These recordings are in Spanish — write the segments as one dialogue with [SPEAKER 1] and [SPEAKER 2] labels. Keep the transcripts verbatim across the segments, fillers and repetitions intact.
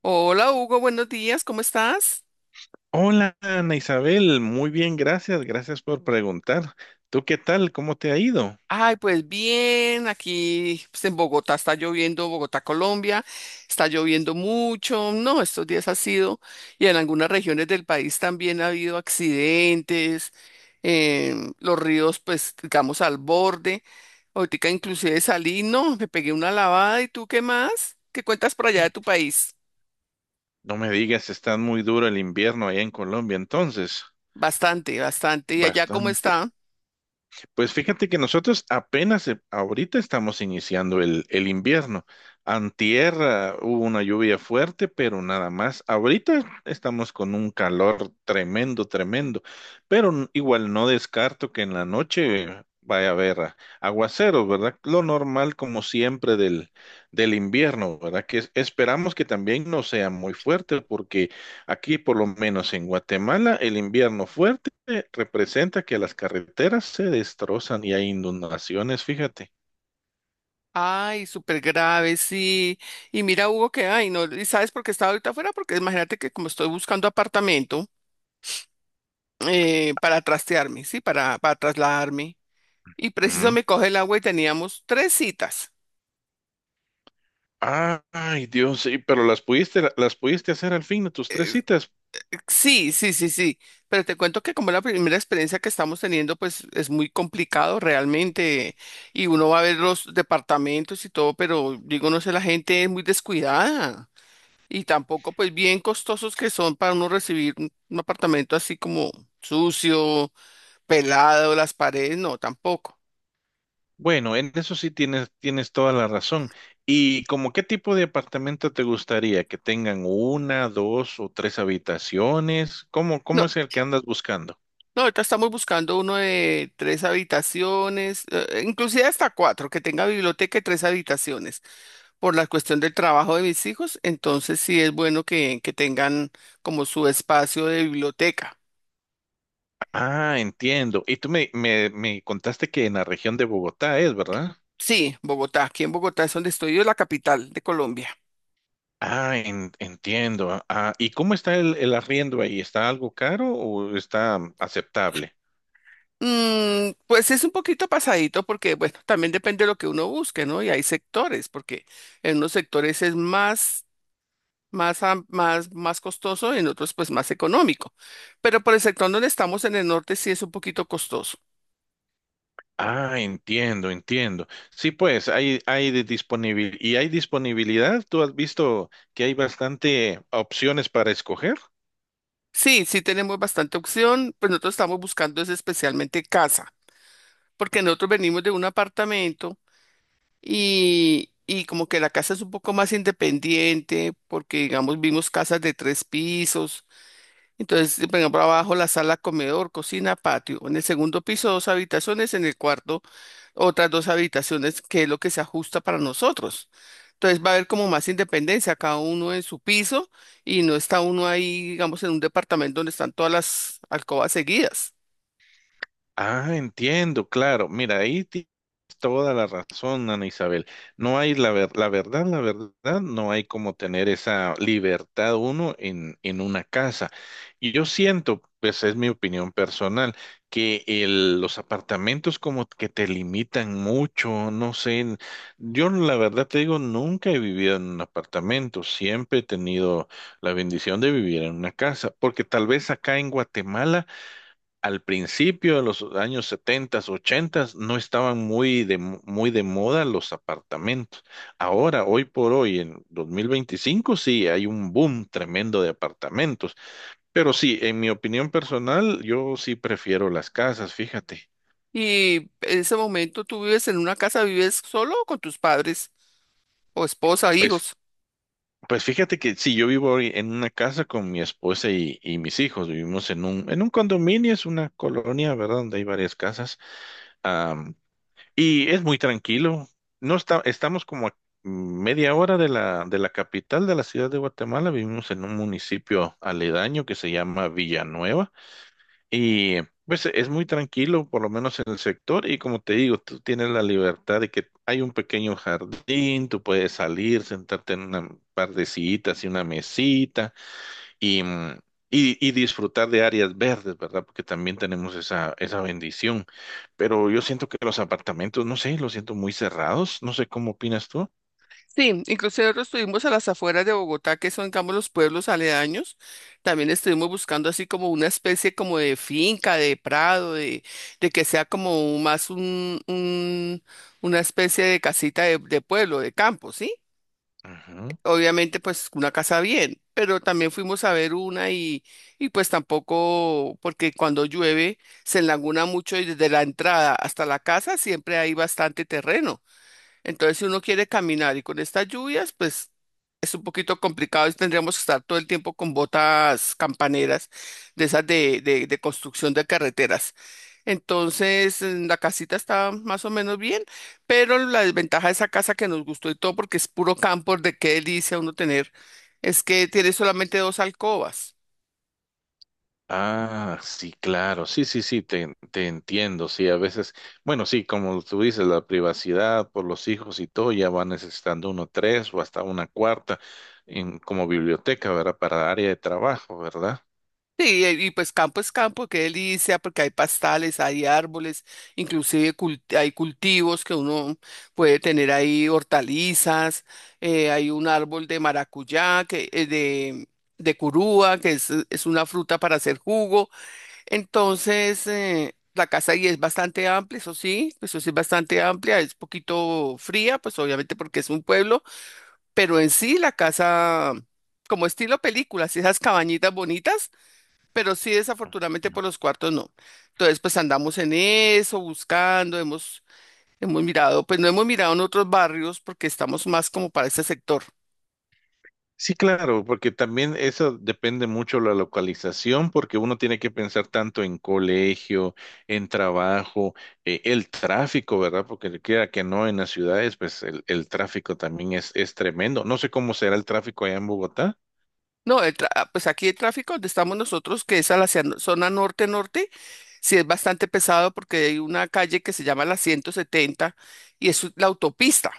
[SPEAKER 1] Hola Hugo, buenos días, ¿cómo estás?
[SPEAKER 2] Hola, Ana Isabel, muy bien, gracias, gracias por preguntar. ¿Tú qué tal? ¿Cómo te ha ido?
[SPEAKER 1] Ay, pues bien, aquí pues, en Bogotá está lloviendo, Bogotá, Colombia, está lloviendo mucho, no, estos días ha sido, y en algunas regiones del país también ha habido accidentes, em, los ríos pues digamos al borde, ahorita inclusive salí, no, me pegué una lavada. ¿Y tú qué más? ¿Qué cuentas por allá de tu país?
[SPEAKER 2] No me digas, está muy duro el invierno allá en Colombia, entonces.
[SPEAKER 1] Bastante, bastante, ¿y allá cómo
[SPEAKER 2] Bastante.
[SPEAKER 1] está?
[SPEAKER 2] Pues fíjate que nosotros apenas eh, ahorita estamos iniciando el, el invierno. Antier, ah, hubo una lluvia fuerte, pero nada más. Ahorita estamos con un calor tremendo, tremendo. Pero n- igual no descarto que en la noche vaya a haber ah, aguaceros, ¿verdad? Lo normal como siempre del, del invierno, ¿verdad? Que es- esperamos que también no sea muy fuerte. Aquí, por lo menos en Guatemala, el invierno fuerte representa que las carreteras se destrozan y hay inundaciones, fíjate.
[SPEAKER 1] Ay, súper grave, sí. Y mira, Hugo, que, ay, no, ¿y sabes por qué estaba ahorita afuera? Porque imagínate que como estoy buscando apartamento eh, para trastearme, sí, para, para trasladarme. Y preciso
[SPEAKER 2] Mm.
[SPEAKER 1] me coge el agua y teníamos tres citas.
[SPEAKER 2] Ay, Dios, sí, pero las pudiste, las pudiste hacer al fin de tus tres citas.
[SPEAKER 1] Sí, sí, sí, sí. Pero te cuento que como la primera experiencia que estamos teniendo, pues es muy complicado realmente. Y uno va a ver los departamentos y todo, pero digo, no sé, la gente es muy descuidada. Y tampoco, pues bien costosos que son para uno recibir un un apartamento así como sucio, pelado, las paredes, no, tampoco.
[SPEAKER 2] Bueno, en eso sí tienes, tienes toda la razón. ¿Y como qué tipo de apartamento te gustaría? ¿Que tengan una, dos o tres habitaciones? ¿Cómo, cómo
[SPEAKER 1] No,
[SPEAKER 2] es el que andas buscando?
[SPEAKER 1] no, ahorita estamos buscando uno de tres habitaciones, eh, eh, inclusive hasta cuatro, que tenga biblioteca y tres habitaciones, por la cuestión del trabajo de mis hijos, entonces sí es bueno que, que tengan como su espacio de biblioteca.
[SPEAKER 2] Ah, entiendo. Y tú me, me, me contaste que en la región de Bogotá es, ¿verdad?
[SPEAKER 1] Sí, Bogotá, aquí en Bogotá es donde estoy yo, la capital de Colombia.
[SPEAKER 2] Ah, en- entiendo. Ah, ¿y cómo está el, el arriendo ahí? ¿Está algo caro o está mm, aceptable?
[SPEAKER 1] Mm, pues es un poquito pasadito porque, bueno, también depende de lo que uno busque, ¿no? Y hay sectores, porque en unos sectores es más, más, am- más, más costoso y en otros pues más económico. Pero por el sector donde estamos en el norte sí es un poquito costoso.
[SPEAKER 2] Ah, entiendo, entiendo. Sí, pues hay, hay de disponibilidad y hay disponibilidad. ¿Tú has visto que hay bastante opciones para escoger?
[SPEAKER 1] Sí, sí tenemos bastante opción, pues nosotros estamos buscando es especialmente casa, porque nosotros venimos de un apartamento y, y como que la casa es un poco más independiente, porque digamos vimos casas de tres pisos. Entonces, siempre en- abajo la sala, comedor, cocina, patio. En el segundo piso, dos habitaciones. En el cuarto, otras dos habitaciones, que es lo que se ajusta para nosotros. Entonces, va a haber como más independencia, cada uno en su piso y no está uno ahí, digamos, en un departamento donde están todas las alcobas seguidas.
[SPEAKER 2] Ah, entiendo, claro. Mira, ahí tienes toda la razón, Ana Isabel. No hay la ver- La verdad, la verdad, no hay como tener esa libertad uno en, en una casa. Y yo siento, pues es mi opinión personal, que el- los apartamentos como que te limitan mucho, no sé. Yo la verdad te digo, nunca he vivido en un apartamento, siempre he tenido la bendición de vivir en una casa, porque tal vez acá en Guatemala al principio de los años setenta, ochenta, no estaban muy de, muy de moda los apartamentos. Ahora, hoy por hoy, en dos mil veinticinco, sí, hay un boom tremendo de apartamentos. Pero sí, en mi opinión personal, yo sí prefiero las casas, fíjate.
[SPEAKER 1] Y en ese momento, ¿tú vives en una casa, vives solo o con tus padres o esposa,
[SPEAKER 2] Pues,
[SPEAKER 1] hijos?
[SPEAKER 2] pues fíjate que sí, yo vivo hoy en una casa con mi esposa y, y mis hijos. Vivimos en un, en un condominio, es una colonia, ¿verdad? Donde hay varias casas. Y es muy tranquilo. No está, Estamos como a media hora de la, de la capital de la ciudad de Guatemala. Vivimos en un municipio aledaño que se llama Villanueva. Y pues es muy tranquilo, por lo menos en el sector. Y como te digo, tú tienes la libertad de que hay un pequeño jardín, tú puedes salir, sentarte en una par de sillitas y una mesita y, mm, y- y disfrutar de áreas verdes, ¿verdad? Porque también tenemos esa, esa bendición. Pero yo siento que los apartamentos, no sé, los siento muy cerrados. No sé cómo opinas tú.
[SPEAKER 1] Sí, inclusive nosotros estuvimos a las afueras de Bogotá, que son, digamos, los pueblos aledaños. También estuvimos buscando así como una especie como de finca, de prado, de, de que sea como más un, un- una especie de casita de, de pueblo, de campo, ¿sí?
[SPEAKER 2] Ujú.
[SPEAKER 1] Obviamente, pues una casa bien, pero también fuimos a ver una y, y pues tampoco, porque cuando llueve se enlaguna mucho y desde la entrada hasta la casa siempre hay bastante terreno. Entonces, si uno quiere caminar y con estas lluvias, pues es un poquito complicado y tendríamos que estar todo el tiempo con botas campaneras de esas de, de, de construcción de carreteras. Entonces, mm, la casita está más o menos bien, pero la desventaja de esa casa que nos gustó y todo, porque es puro campo, de qué delicia uno tener, es que tiene solamente dos alcobas.
[SPEAKER 2] Ah, sí, claro, sí, sí, sí, te, te entiendo, sí, a veces, bueno, sí, como tú dices, la privacidad por los hijos y todo, ya va necesitando uno tres o hasta una cuarta en, como biblioteca, ¿verdad? Para área de trabajo, ¿verdad?
[SPEAKER 1] Sí, y, y pues campo es campo, qué delicia, porque hay pastales, hay árboles, inclusive cult- hay cultivos que uno puede tener ahí, hortalizas, eh, hay un árbol de maracuyá, que, eh, de, de curúa, que es, es una fruta para hacer jugo. Entonces, eh, la casa ahí es bastante amplia, eso sí, eso sí es bastante amplia, es poquito fría, pues obviamente porque es un pueblo, pero en sí la casa, como estilo películas, esas cabañitas bonitas. Pero sí, desafortunadamente por los cuartos no. Entonces, pues andamos en eso, buscando, hemos, hemos mirado, pues no hemos mirado en otros barrios porque estamos más como para ese sector.
[SPEAKER 2] Sí, claro, porque también eso depende mucho de la localización, porque uno tiene que pensar tanto en colegio, en trabajo, eh, el tráfico, ¿verdad? Porque quiera que no, en las ciudades, pues el, el tráfico también es, es tremendo. No sé cómo será el tráfico allá en Bogotá.
[SPEAKER 1] No, el tra- ah, pues aquí el tráfico donde estamos nosotros, que es a la hacia- no, zona norte-norte, sí es bastante pesado porque hay una calle que se llama la ciento setenta y es la autopista.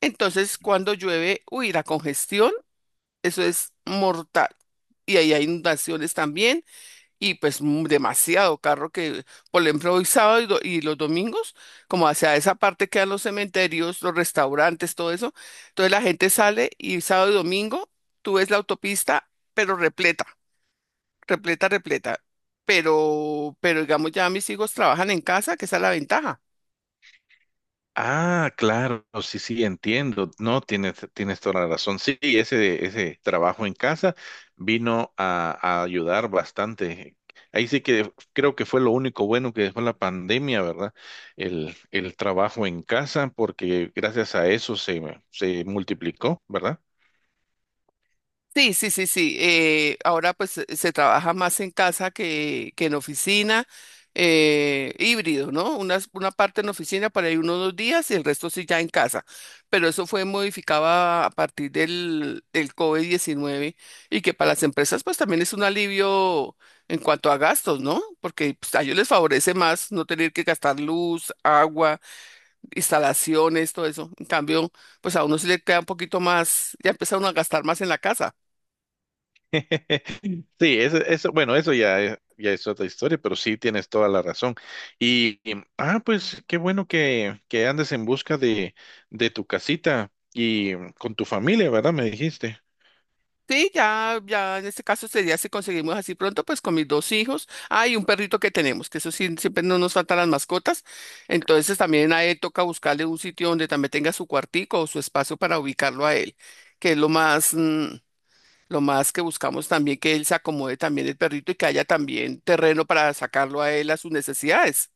[SPEAKER 1] Entonces, cuando llueve, uy, la congestión, eso es mortal. Y ahí hay inundaciones también. Y pues mm, demasiado carro que, por ejemplo, hoy sábado y, do- y los domingos, como hacia esa parte quedan los cementerios, los restaurantes, todo eso. Entonces la gente sale y sábado y domingo tú ves la autopista, pero repleta, repleta, repleta. Pero, pero digamos, ya mis hijos trabajan en casa, que esa es la ventaja.
[SPEAKER 2] Ah, claro, sí, sí, entiendo. No, tienes, tienes toda la razón. Sí, ese, ese trabajo en casa vino a, a ayudar bastante. Ahí sí que creo que fue lo único bueno que dejó la pandemia, ¿verdad? El, el trabajo en casa, porque gracias a eso se, se multiplicó, ¿verdad?
[SPEAKER 1] Sí, sí, sí, sí. Eh, ahora pues se se trabaja más en casa que, que en oficina, eh, híbrido, ¿no? Una, una parte en oficina para ahí unos dos días y el resto sí ya en casa. Pero eso fue modificado a, a partir del, del covid diecinueve y que para las empresas pues también es un alivio en cuanto a gastos, ¿no? Porque pues, a ellos les favorece más no tener que gastar luz, agua, instalaciones, todo eso. En cambio, pues a uno sí le queda un poquito más, ya empieza uno a gastar más en la casa.
[SPEAKER 2] Sí, eso, eso, bueno, eso ya, es- ya es otra historia, pero sí tienes toda la razón. Y, y, ah, pues qué bueno que, que andes en busca de, de tu casita y mm, con tu familia, ¿verdad? Me dijiste.
[SPEAKER 1] Sí, ya, ya en este caso sería si conseguimos así pronto, pues con mis dos hijos. Ah, y un perrito que tenemos, que eso sí, siempre no nos faltan las mascotas. Entonces también a él toca buscarle un sitio donde también tenga su cuartico o su espacio para ubicarlo a él, que es lo más, mm, lo más que buscamos también, que él se acomode también el perrito y que haya también terreno para sacarlo a él a sus necesidades.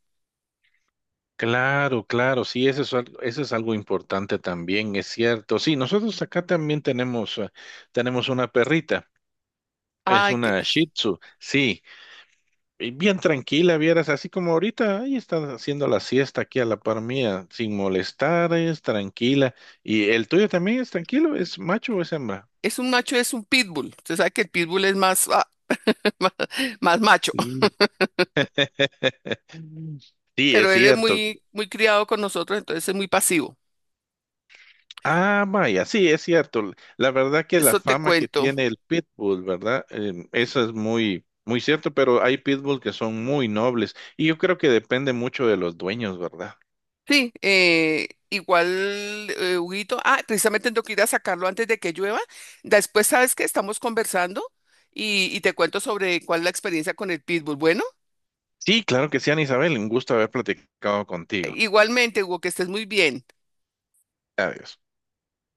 [SPEAKER 2] Claro, claro, sí, eso es, al- eso es algo importante también, es cierto. Sí, nosotros acá también tenemos, eh, tenemos una perrita, es
[SPEAKER 1] Ay, que
[SPEAKER 2] una Shih Tzu, sí. Y bien tranquila, vieras, así como ahorita, ahí están haciendo la siesta aquí a la par mía, sin molestar, es tranquila. ¿Y el tuyo también es tranquilo? ¿Es macho o es hembra?
[SPEAKER 1] es un macho, es un pitbull. Usted sabe que el pitbull es más, ah, más más macho.
[SPEAKER 2] Sí. Sí, es
[SPEAKER 1] Pero él es
[SPEAKER 2] cierto.
[SPEAKER 1] muy, muy criado con nosotros, entonces es muy pasivo.
[SPEAKER 2] Ah, vaya, sí, es cierto. La verdad que la
[SPEAKER 1] Eso te
[SPEAKER 2] fama que
[SPEAKER 1] cuento.
[SPEAKER 2] tiene el pitbull, ¿verdad? Em, eso es muy, muy cierto, pero hay pitbull que son muy nobles y yo creo que depende mucho de los dueños, ¿verdad?
[SPEAKER 1] Sí, eh, igual, eh, Huguito, ah, precisamente tengo que ir a sacarlo antes de que llueva. Después sabes que estamos conversando y, y te cuento sobre cuál es la experiencia con el pitbull. Bueno,
[SPEAKER 2] Sí, claro que sí, Ana Isabel, un gusto haber platicado contigo.
[SPEAKER 1] igualmente, Hugo, que estés muy bien.
[SPEAKER 2] Adiós.